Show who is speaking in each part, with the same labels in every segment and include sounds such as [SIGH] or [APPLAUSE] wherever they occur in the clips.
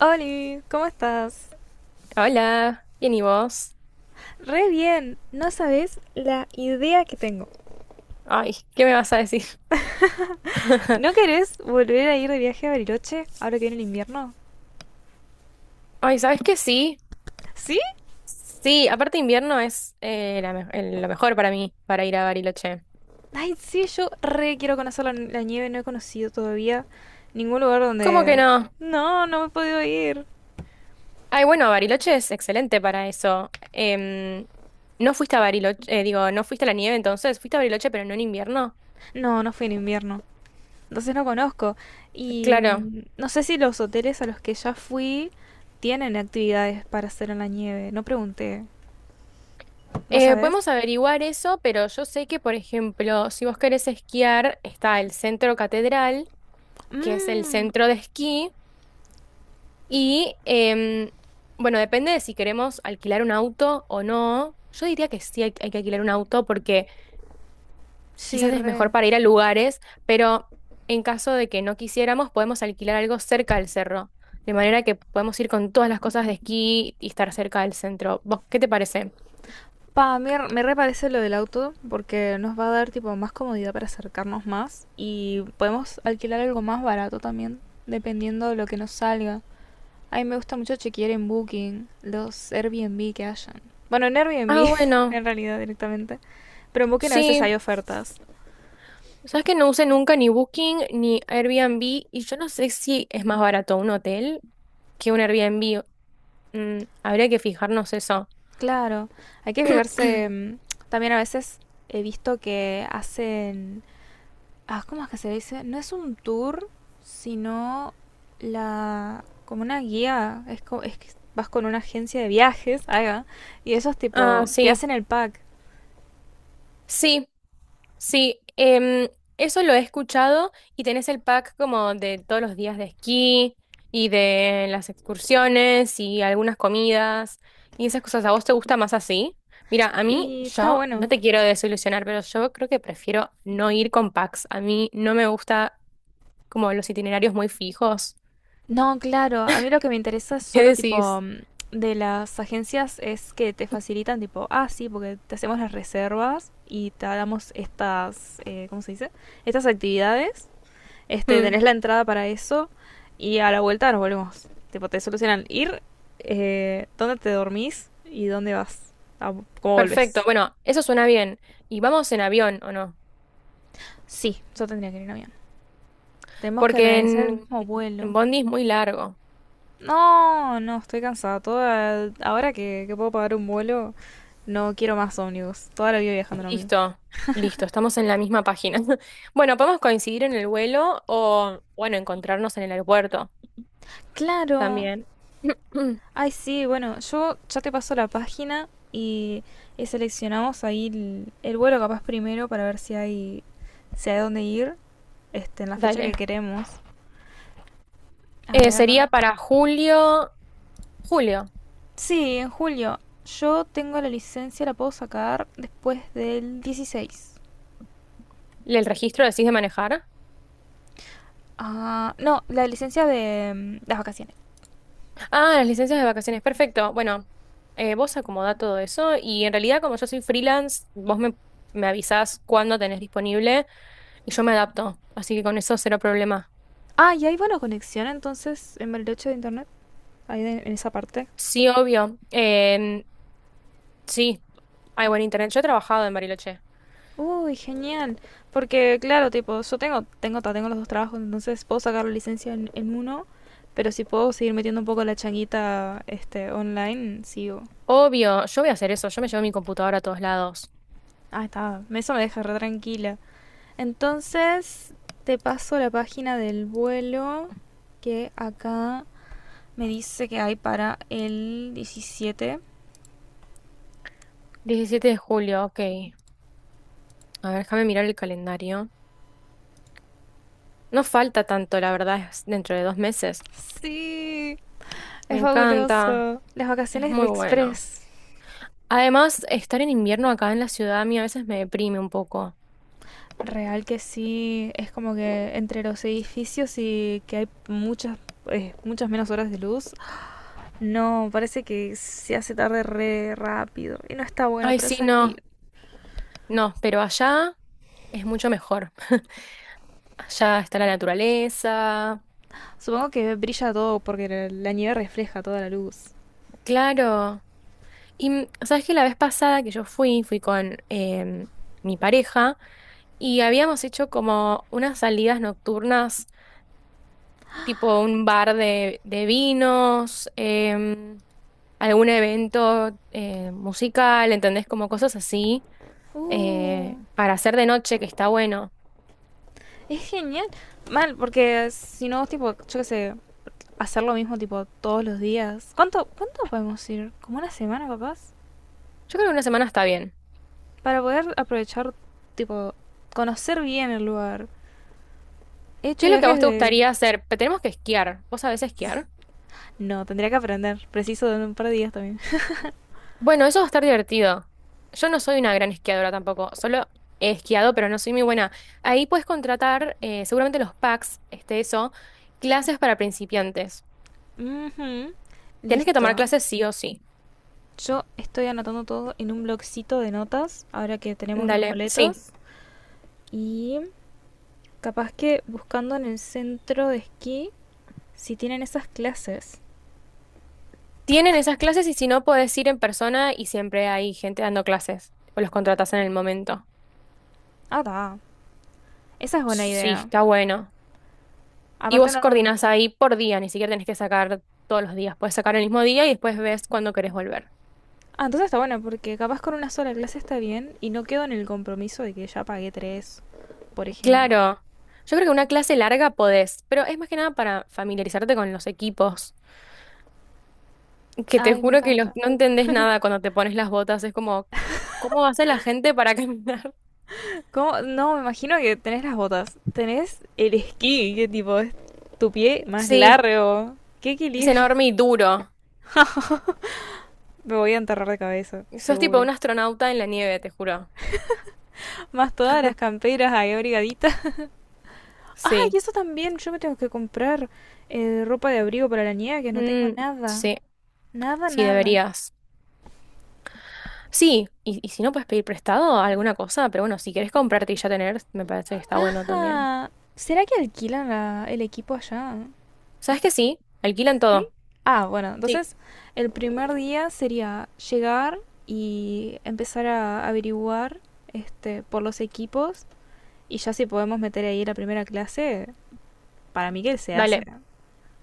Speaker 1: Oli, ¿cómo estás?
Speaker 2: Hola, bien y vos.
Speaker 1: Re bien, no sabes la idea que tengo.
Speaker 2: Ay, ¿qué me vas a decir?
Speaker 1: ¿No
Speaker 2: [LAUGHS]
Speaker 1: querés volver a ir de viaje a Bariloche ahora que viene el invierno?
Speaker 2: Ay, ¿sabes qué? Sí,
Speaker 1: ¿Sí?
Speaker 2: sí, aparte invierno es lo mejor para mí, para ir a Bariloche.
Speaker 1: Ay, sí, yo re quiero conocer la nieve, no he conocido todavía ningún lugar
Speaker 2: ¿Cómo que
Speaker 1: donde.
Speaker 2: no?
Speaker 1: No, no he podido ir.
Speaker 2: Ay, bueno, Bariloche es excelente para eso. ¿No fuiste a Bariloche? Digo, ¿no fuiste a la nieve entonces? ¿Fuiste a Bariloche pero no en invierno?
Speaker 1: No, no fui en invierno. Entonces no conozco. Y
Speaker 2: Claro.
Speaker 1: no sé si los hoteles a los que ya fui tienen actividades para hacer en la nieve. No pregunté. ¿Vos sabés?
Speaker 2: Podemos averiguar eso, pero yo sé que, por ejemplo, si vos querés esquiar, está el Centro Catedral, que es el
Speaker 1: Mmm,
Speaker 2: centro de esquí. Y bueno, depende de si queremos alquilar un auto o no. Yo diría que sí hay que alquilar un auto porque
Speaker 1: sí,
Speaker 2: quizás es mejor
Speaker 1: re.
Speaker 2: para ir a lugares, pero en caso de que no quisiéramos, podemos alquilar algo cerca del cerro, de manera que podemos ir con todas las cosas de esquí y estar cerca del centro. ¿Vos qué te parece?
Speaker 1: Pa, a mí me reparece lo del auto porque nos va a dar tipo más comodidad para acercarnos más y podemos alquilar algo más barato también, dependiendo de lo que nos salga. A mí me gusta mucho chequear en Booking los Airbnb que hayan. Bueno, en
Speaker 2: Ah,
Speaker 1: Airbnb [LAUGHS]
Speaker 2: bueno,
Speaker 1: en realidad directamente, pero en Booking a veces
Speaker 2: sí,
Speaker 1: hay ofertas.
Speaker 2: sabes que no usé nunca ni Booking ni Airbnb y yo no sé si es más barato un hotel que un Airbnb. Mm, habría que fijarnos eso.
Speaker 1: Claro, hay que fijarse.
Speaker 2: [CLEARS THROAT]
Speaker 1: También a veces he visto que hacen ah, ¿cómo es que se dice? No es un tour, sino la como una guía, es que vas con una agencia de viajes, [LAUGHS] ahí va, y esos
Speaker 2: Ah,
Speaker 1: tipo te
Speaker 2: sí,
Speaker 1: hacen el pack
Speaker 2: sí, sí. Eso lo he escuchado y tenés el pack como de todos los días de esquí y de las excursiones y algunas comidas y esas cosas. ¿A vos te gusta más así? Mira, a mí
Speaker 1: y está
Speaker 2: yo no
Speaker 1: bueno.
Speaker 2: te quiero desilusionar, pero yo creo que prefiero no ir con packs. A mí no me gusta como los itinerarios muy fijos.
Speaker 1: No, claro, a mí lo que me interesa es
Speaker 2: [LAUGHS] ¿Qué
Speaker 1: solo tipo
Speaker 2: decís?
Speaker 1: de las agencias es que te facilitan tipo, ah, sí, porque te hacemos las reservas y te damos estas, ¿cómo se dice? Estas actividades. Este,
Speaker 2: Mm,
Speaker 1: tenés la entrada para eso y a la vuelta nos volvemos. Tipo, te solucionan ir, dónde te dormís y dónde vas, a- cómo
Speaker 2: perfecto,
Speaker 1: volvés.
Speaker 2: bueno, eso suena bien. ¿Y vamos en avión o no?
Speaker 1: Sí, yo tendría que ir en avión. Tenemos que
Speaker 2: Porque
Speaker 1: organizar el mismo
Speaker 2: en
Speaker 1: vuelo.
Speaker 2: Bondi es muy largo.
Speaker 1: No, no, estoy cansada. Toda, ahora que puedo pagar un vuelo, no quiero más ómnibus. Toda la vida viajando en ómnibus.
Speaker 2: Listo, listo, estamos en la misma página. [LAUGHS] Bueno, podemos coincidir en el vuelo o, bueno, encontrarnos en el aeropuerto
Speaker 1: Claro.
Speaker 2: también. [CLEARS THROAT]
Speaker 1: Ay, sí, bueno, yo ya te paso la página y seleccionamos ahí el vuelo capaz primero para ver si hay dónde ir. Este, en la fecha que
Speaker 2: Dale.
Speaker 1: queremos. A ver.
Speaker 2: Sería para julio, julio.
Speaker 1: Sí, en julio. Yo tengo la licencia, la puedo sacar después del 16.
Speaker 2: ¿El registro decís de manejar?
Speaker 1: Ah, no, la licencia de las vacaciones.
Speaker 2: Ah, las licencias de vacaciones, perfecto. Bueno, vos acomodá todo eso y en realidad como yo soy freelance, me avisás cuándo tenés disponible y yo me adapto, así que con eso cero problema.
Speaker 1: Ah, y hay buena conexión entonces en Bariloche de internet. Ahí en esa parte.
Speaker 2: Sí, obvio. Sí, hay buen internet. Yo he trabajado en Bariloche.
Speaker 1: Uy, genial. Porque, claro, tipo, yo tengo los dos trabajos, entonces puedo sacar la licencia en uno, pero si puedo seguir metiendo un poco la changuita este, online, sigo.
Speaker 2: Obvio, yo voy a hacer eso, yo me llevo mi computadora a todos lados.
Speaker 1: Ah, está. Eso me deja re tranquila. Entonces, te paso la página del vuelo que acá me dice que hay para el 17.
Speaker 2: 17 de julio, ok. A ver, déjame mirar el calendario. No falta tanto, la verdad, es dentro de dos meses.
Speaker 1: Sí,
Speaker 2: Me
Speaker 1: es
Speaker 2: encanta,
Speaker 1: fabuloso. Las
Speaker 2: es
Speaker 1: vacaciones de
Speaker 2: muy bueno.
Speaker 1: Express.
Speaker 2: Además, estar en invierno acá en la ciudad a mí a veces me deprime un poco.
Speaker 1: Real que sí, es como que entre los edificios y que hay muchas menos horas de luz. No, parece que se hace tarde re rápido y no está bueno
Speaker 2: Ay,
Speaker 1: para
Speaker 2: sí, no,
Speaker 1: salir.
Speaker 2: no, pero allá es mucho mejor. Allá está la naturaleza,
Speaker 1: Supongo que brilla todo porque la nieve refleja toda la luz.
Speaker 2: claro. Y mm, sabes que la vez pasada que yo fui, fui con mi pareja y habíamos hecho como unas salidas nocturnas, tipo un bar de vinos, algún evento musical, ¿entendés? Como cosas así
Speaker 1: Uh,
Speaker 2: para hacer de noche, que está bueno.
Speaker 1: Es genial. Mal, porque si no, tipo, yo qué sé, hacer lo mismo, tipo, todos los días. ¿Cuánto podemos ir? ¿Como una semana, capaz?
Speaker 2: Yo creo que una semana está bien.
Speaker 1: Para poder aprovechar, tipo, conocer bien el lugar. He hecho
Speaker 2: ¿Qué es lo que a
Speaker 1: viajes
Speaker 2: vos te
Speaker 1: de.
Speaker 2: gustaría hacer? Pe- Tenemos que esquiar. ¿Vos sabés esquiar?
Speaker 1: No, tendría que aprender. Preciso de un par de días también.
Speaker 2: Bueno, eso va a estar divertido. Yo no soy una gran esquiadora tampoco. Solo he esquiado, pero no soy muy buena. Ahí puedes contratar, seguramente los packs, este, eso, clases para principiantes.
Speaker 1: Ujú.
Speaker 2: Tienes que tomar
Speaker 1: Listo.
Speaker 2: clases sí o sí.
Speaker 1: Yo estoy anotando todo en un blogcito de notas, ahora que tenemos los
Speaker 2: Dale, sí.
Speaker 1: boletos. Y capaz que buscando en el centro de esquí si tienen esas clases.
Speaker 2: Tienen esas clases y si no, puedes ir en persona y siempre hay gente dando clases. O los contratas en el momento.
Speaker 1: Ah, ta. Esa es buena
Speaker 2: Sí,
Speaker 1: idea.
Speaker 2: está bueno. Y
Speaker 1: Aparte
Speaker 2: vos
Speaker 1: no.
Speaker 2: coordinás ahí por día, ni siquiera tenés que sacar todos los días. Puedes sacar el mismo día y después ves cuándo querés volver.
Speaker 1: Ah, entonces está bueno, porque capaz con una sola clase está bien y no quedo en el compromiso de que ya pagué tres, por ejemplo.
Speaker 2: Claro, yo creo que una clase larga podés, pero es más que nada para familiarizarte con los equipos, que te
Speaker 1: Ay, me
Speaker 2: juro que los-
Speaker 1: encanta.
Speaker 2: no entendés nada cuando te pones las botas. Es como, ¿cómo va a ser la gente para caminar? [LAUGHS]
Speaker 1: ¿Cómo? No, me imagino que tenés las botas. Tenés el esquí, que tipo es tu pie más
Speaker 2: Sí,
Speaker 1: largo. ¡Qué
Speaker 2: es
Speaker 1: equilibrio!
Speaker 2: enorme y duro.
Speaker 1: [LAUGHS] Me voy a enterrar de cabeza,
Speaker 2: Sos tipo
Speaker 1: seguro.
Speaker 2: un astronauta en la nieve, te juro.
Speaker 1: Más todas las camperas ahí abrigaditas. [LAUGHS] ¡Ah, y
Speaker 2: Sí,
Speaker 1: eso también! Yo me tengo que comprar ropa de abrigo para la nieve, que no tengo
Speaker 2: mm,
Speaker 1: nada.
Speaker 2: sí,
Speaker 1: Nada,
Speaker 2: sí
Speaker 1: nada.
Speaker 2: deberías. Sí, y si no puedes pedir prestado alguna cosa, pero bueno, si querés comprarte y ya tener, me parece que está bueno también.
Speaker 1: Ajá. ¿Será que alquilan el equipo allá?
Speaker 2: ¿Sabes que sí? Alquilan
Speaker 1: Sí,
Speaker 2: todo.
Speaker 1: ah, bueno,
Speaker 2: Sí,
Speaker 1: entonces el primer día sería llegar y empezar a averiguar este, por los equipos y ya si podemos meter ahí la primera clase, para mí que se hace.
Speaker 2: dale.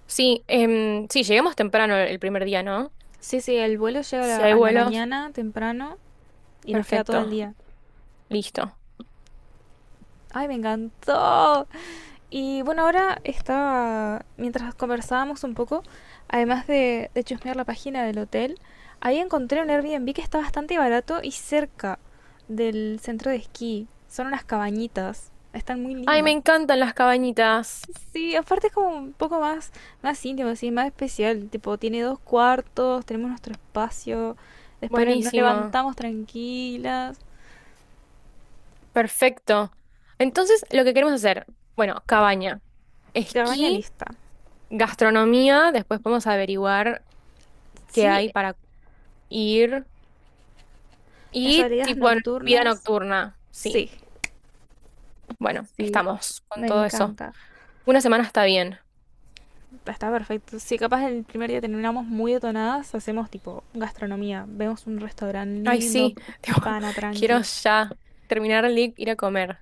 Speaker 2: Sí, sí, lleguemos temprano el primer día, ¿no?
Speaker 1: Sí, sí, el vuelo llega a
Speaker 2: Si
Speaker 1: la,
Speaker 2: hay
Speaker 1: a la
Speaker 2: vuelos,
Speaker 1: mañana temprano y nos queda todo el
Speaker 2: perfecto,
Speaker 1: día.
Speaker 2: listo.
Speaker 1: ¡Ay, me encantó! Y bueno, ahora estaba, mientras conversábamos un poco, además de chusmear la página del hotel, ahí encontré un Airbnb que está bastante barato y cerca del centro de esquí. Son unas cabañitas, están muy
Speaker 2: Ay, me
Speaker 1: lindas.
Speaker 2: encantan las cabañitas.
Speaker 1: Sí, aparte es como un poco más íntimo, así, más especial. Tipo, tiene dos cuartos, tenemos nuestro espacio, después no, nos
Speaker 2: Buenísimo.
Speaker 1: levantamos tranquilas.
Speaker 2: Perfecto. Entonces, lo que queremos hacer, bueno, cabaña,
Speaker 1: Cabaña
Speaker 2: esquí.
Speaker 1: lista.
Speaker 2: Gastronomía, después podemos averiguar qué
Speaker 1: Sí,
Speaker 2: hay para ir.
Speaker 1: las
Speaker 2: Y
Speaker 1: salidas
Speaker 2: tipo en vida
Speaker 1: nocturnas,
Speaker 2: nocturna, sí.
Speaker 1: sí,
Speaker 2: Bueno,
Speaker 1: sí,
Speaker 2: estamos con
Speaker 1: me
Speaker 2: todo eso.
Speaker 1: encanta.
Speaker 2: Una semana está bien.
Speaker 1: Está perfecto. Sí, capaz el primer día terminamos muy detonadas, hacemos tipo gastronomía, vemos un restaurante
Speaker 2: Ay,
Speaker 1: lindo,
Speaker 2: sí, [LAUGHS] tipo,
Speaker 1: pana
Speaker 2: quiero
Speaker 1: tranqui.
Speaker 2: ya terminar el lic, ir a comer.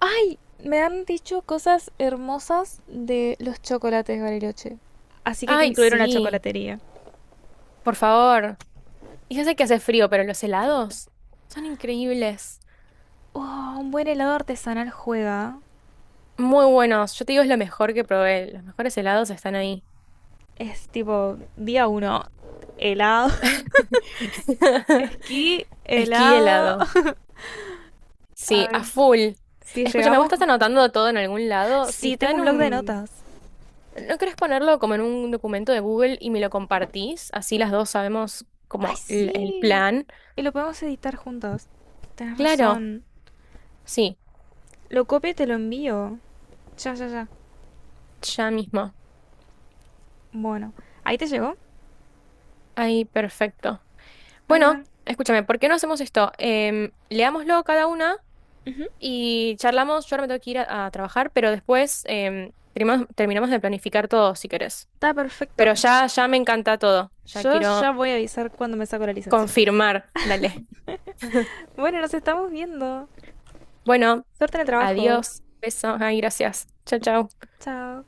Speaker 1: ¡Ay! Me han dicho cosas hermosas de los chocolates Bariloche. Así que hay que
Speaker 2: Ay,
Speaker 1: incluir una
Speaker 2: sí,
Speaker 1: chocolatería.
Speaker 2: por favor. Y ya sé que hace frío, pero los helados son increíbles.
Speaker 1: Oh, un buen helado artesanal juega.
Speaker 2: Muy buenos. Yo te digo, es lo mejor que probé. Los mejores helados están ahí.
Speaker 1: Es tipo día uno. Helado. [LAUGHS]
Speaker 2: [LAUGHS]
Speaker 1: Esquí,
Speaker 2: Esquí
Speaker 1: helado.
Speaker 2: helado.
Speaker 1: A
Speaker 2: Sí, a
Speaker 1: ver
Speaker 2: full.
Speaker 1: si
Speaker 2: Escúchame, ¿vos
Speaker 1: llegamos.
Speaker 2: estás anotando todo en algún lado? Si
Speaker 1: Sí,
Speaker 2: está
Speaker 1: tengo un
Speaker 2: en
Speaker 1: blog de
Speaker 2: un...
Speaker 1: notas.
Speaker 2: ¿No querés ponerlo como en un documento de Google y me lo compartís? Así las dos sabemos
Speaker 1: ¡Ay,
Speaker 2: como el
Speaker 1: sí!
Speaker 2: plan.
Speaker 1: Y lo podemos editar juntos. Tenés
Speaker 2: Claro,
Speaker 1: razón.
Speaker 2: sí,
Speaker 1: Lo copio y te lo envío. Ya, ya, ya.
Speaker 2: ya mismo.
Speaker 1: Bueno, ¿ahí te llegó?
Speaker 2: Ahí, perfecto.
Speaker 1: Ahí va.
Speaker 2: Bueno, escúchame, ¿por qué no hacemos esto? Em, leámoslo cada una y charlamos. Yo ahora me tengo que ir a trabajar, pero después terminamos, terminamos de planificar todo, si querés.
Speaker 1: Está perfecto.
Speaker 2: Pero ya, ya me encanta todo. Ya
Speaker 1: Yo ya
Speaker 2: quiero
Speaker 1: voy a avisar cuando me saco la licencia.
Speaker 2: confirmar. Dale. [LAUGHS]
Speaker 1: Bueno, nos estamos viendo.
Speaker 2: Bueno,
Speaker 1: Suerte en el trabajo.
Speaker 2: adiós, besos, ay, gracias. Chao, chao.
Speaker 1: Chao.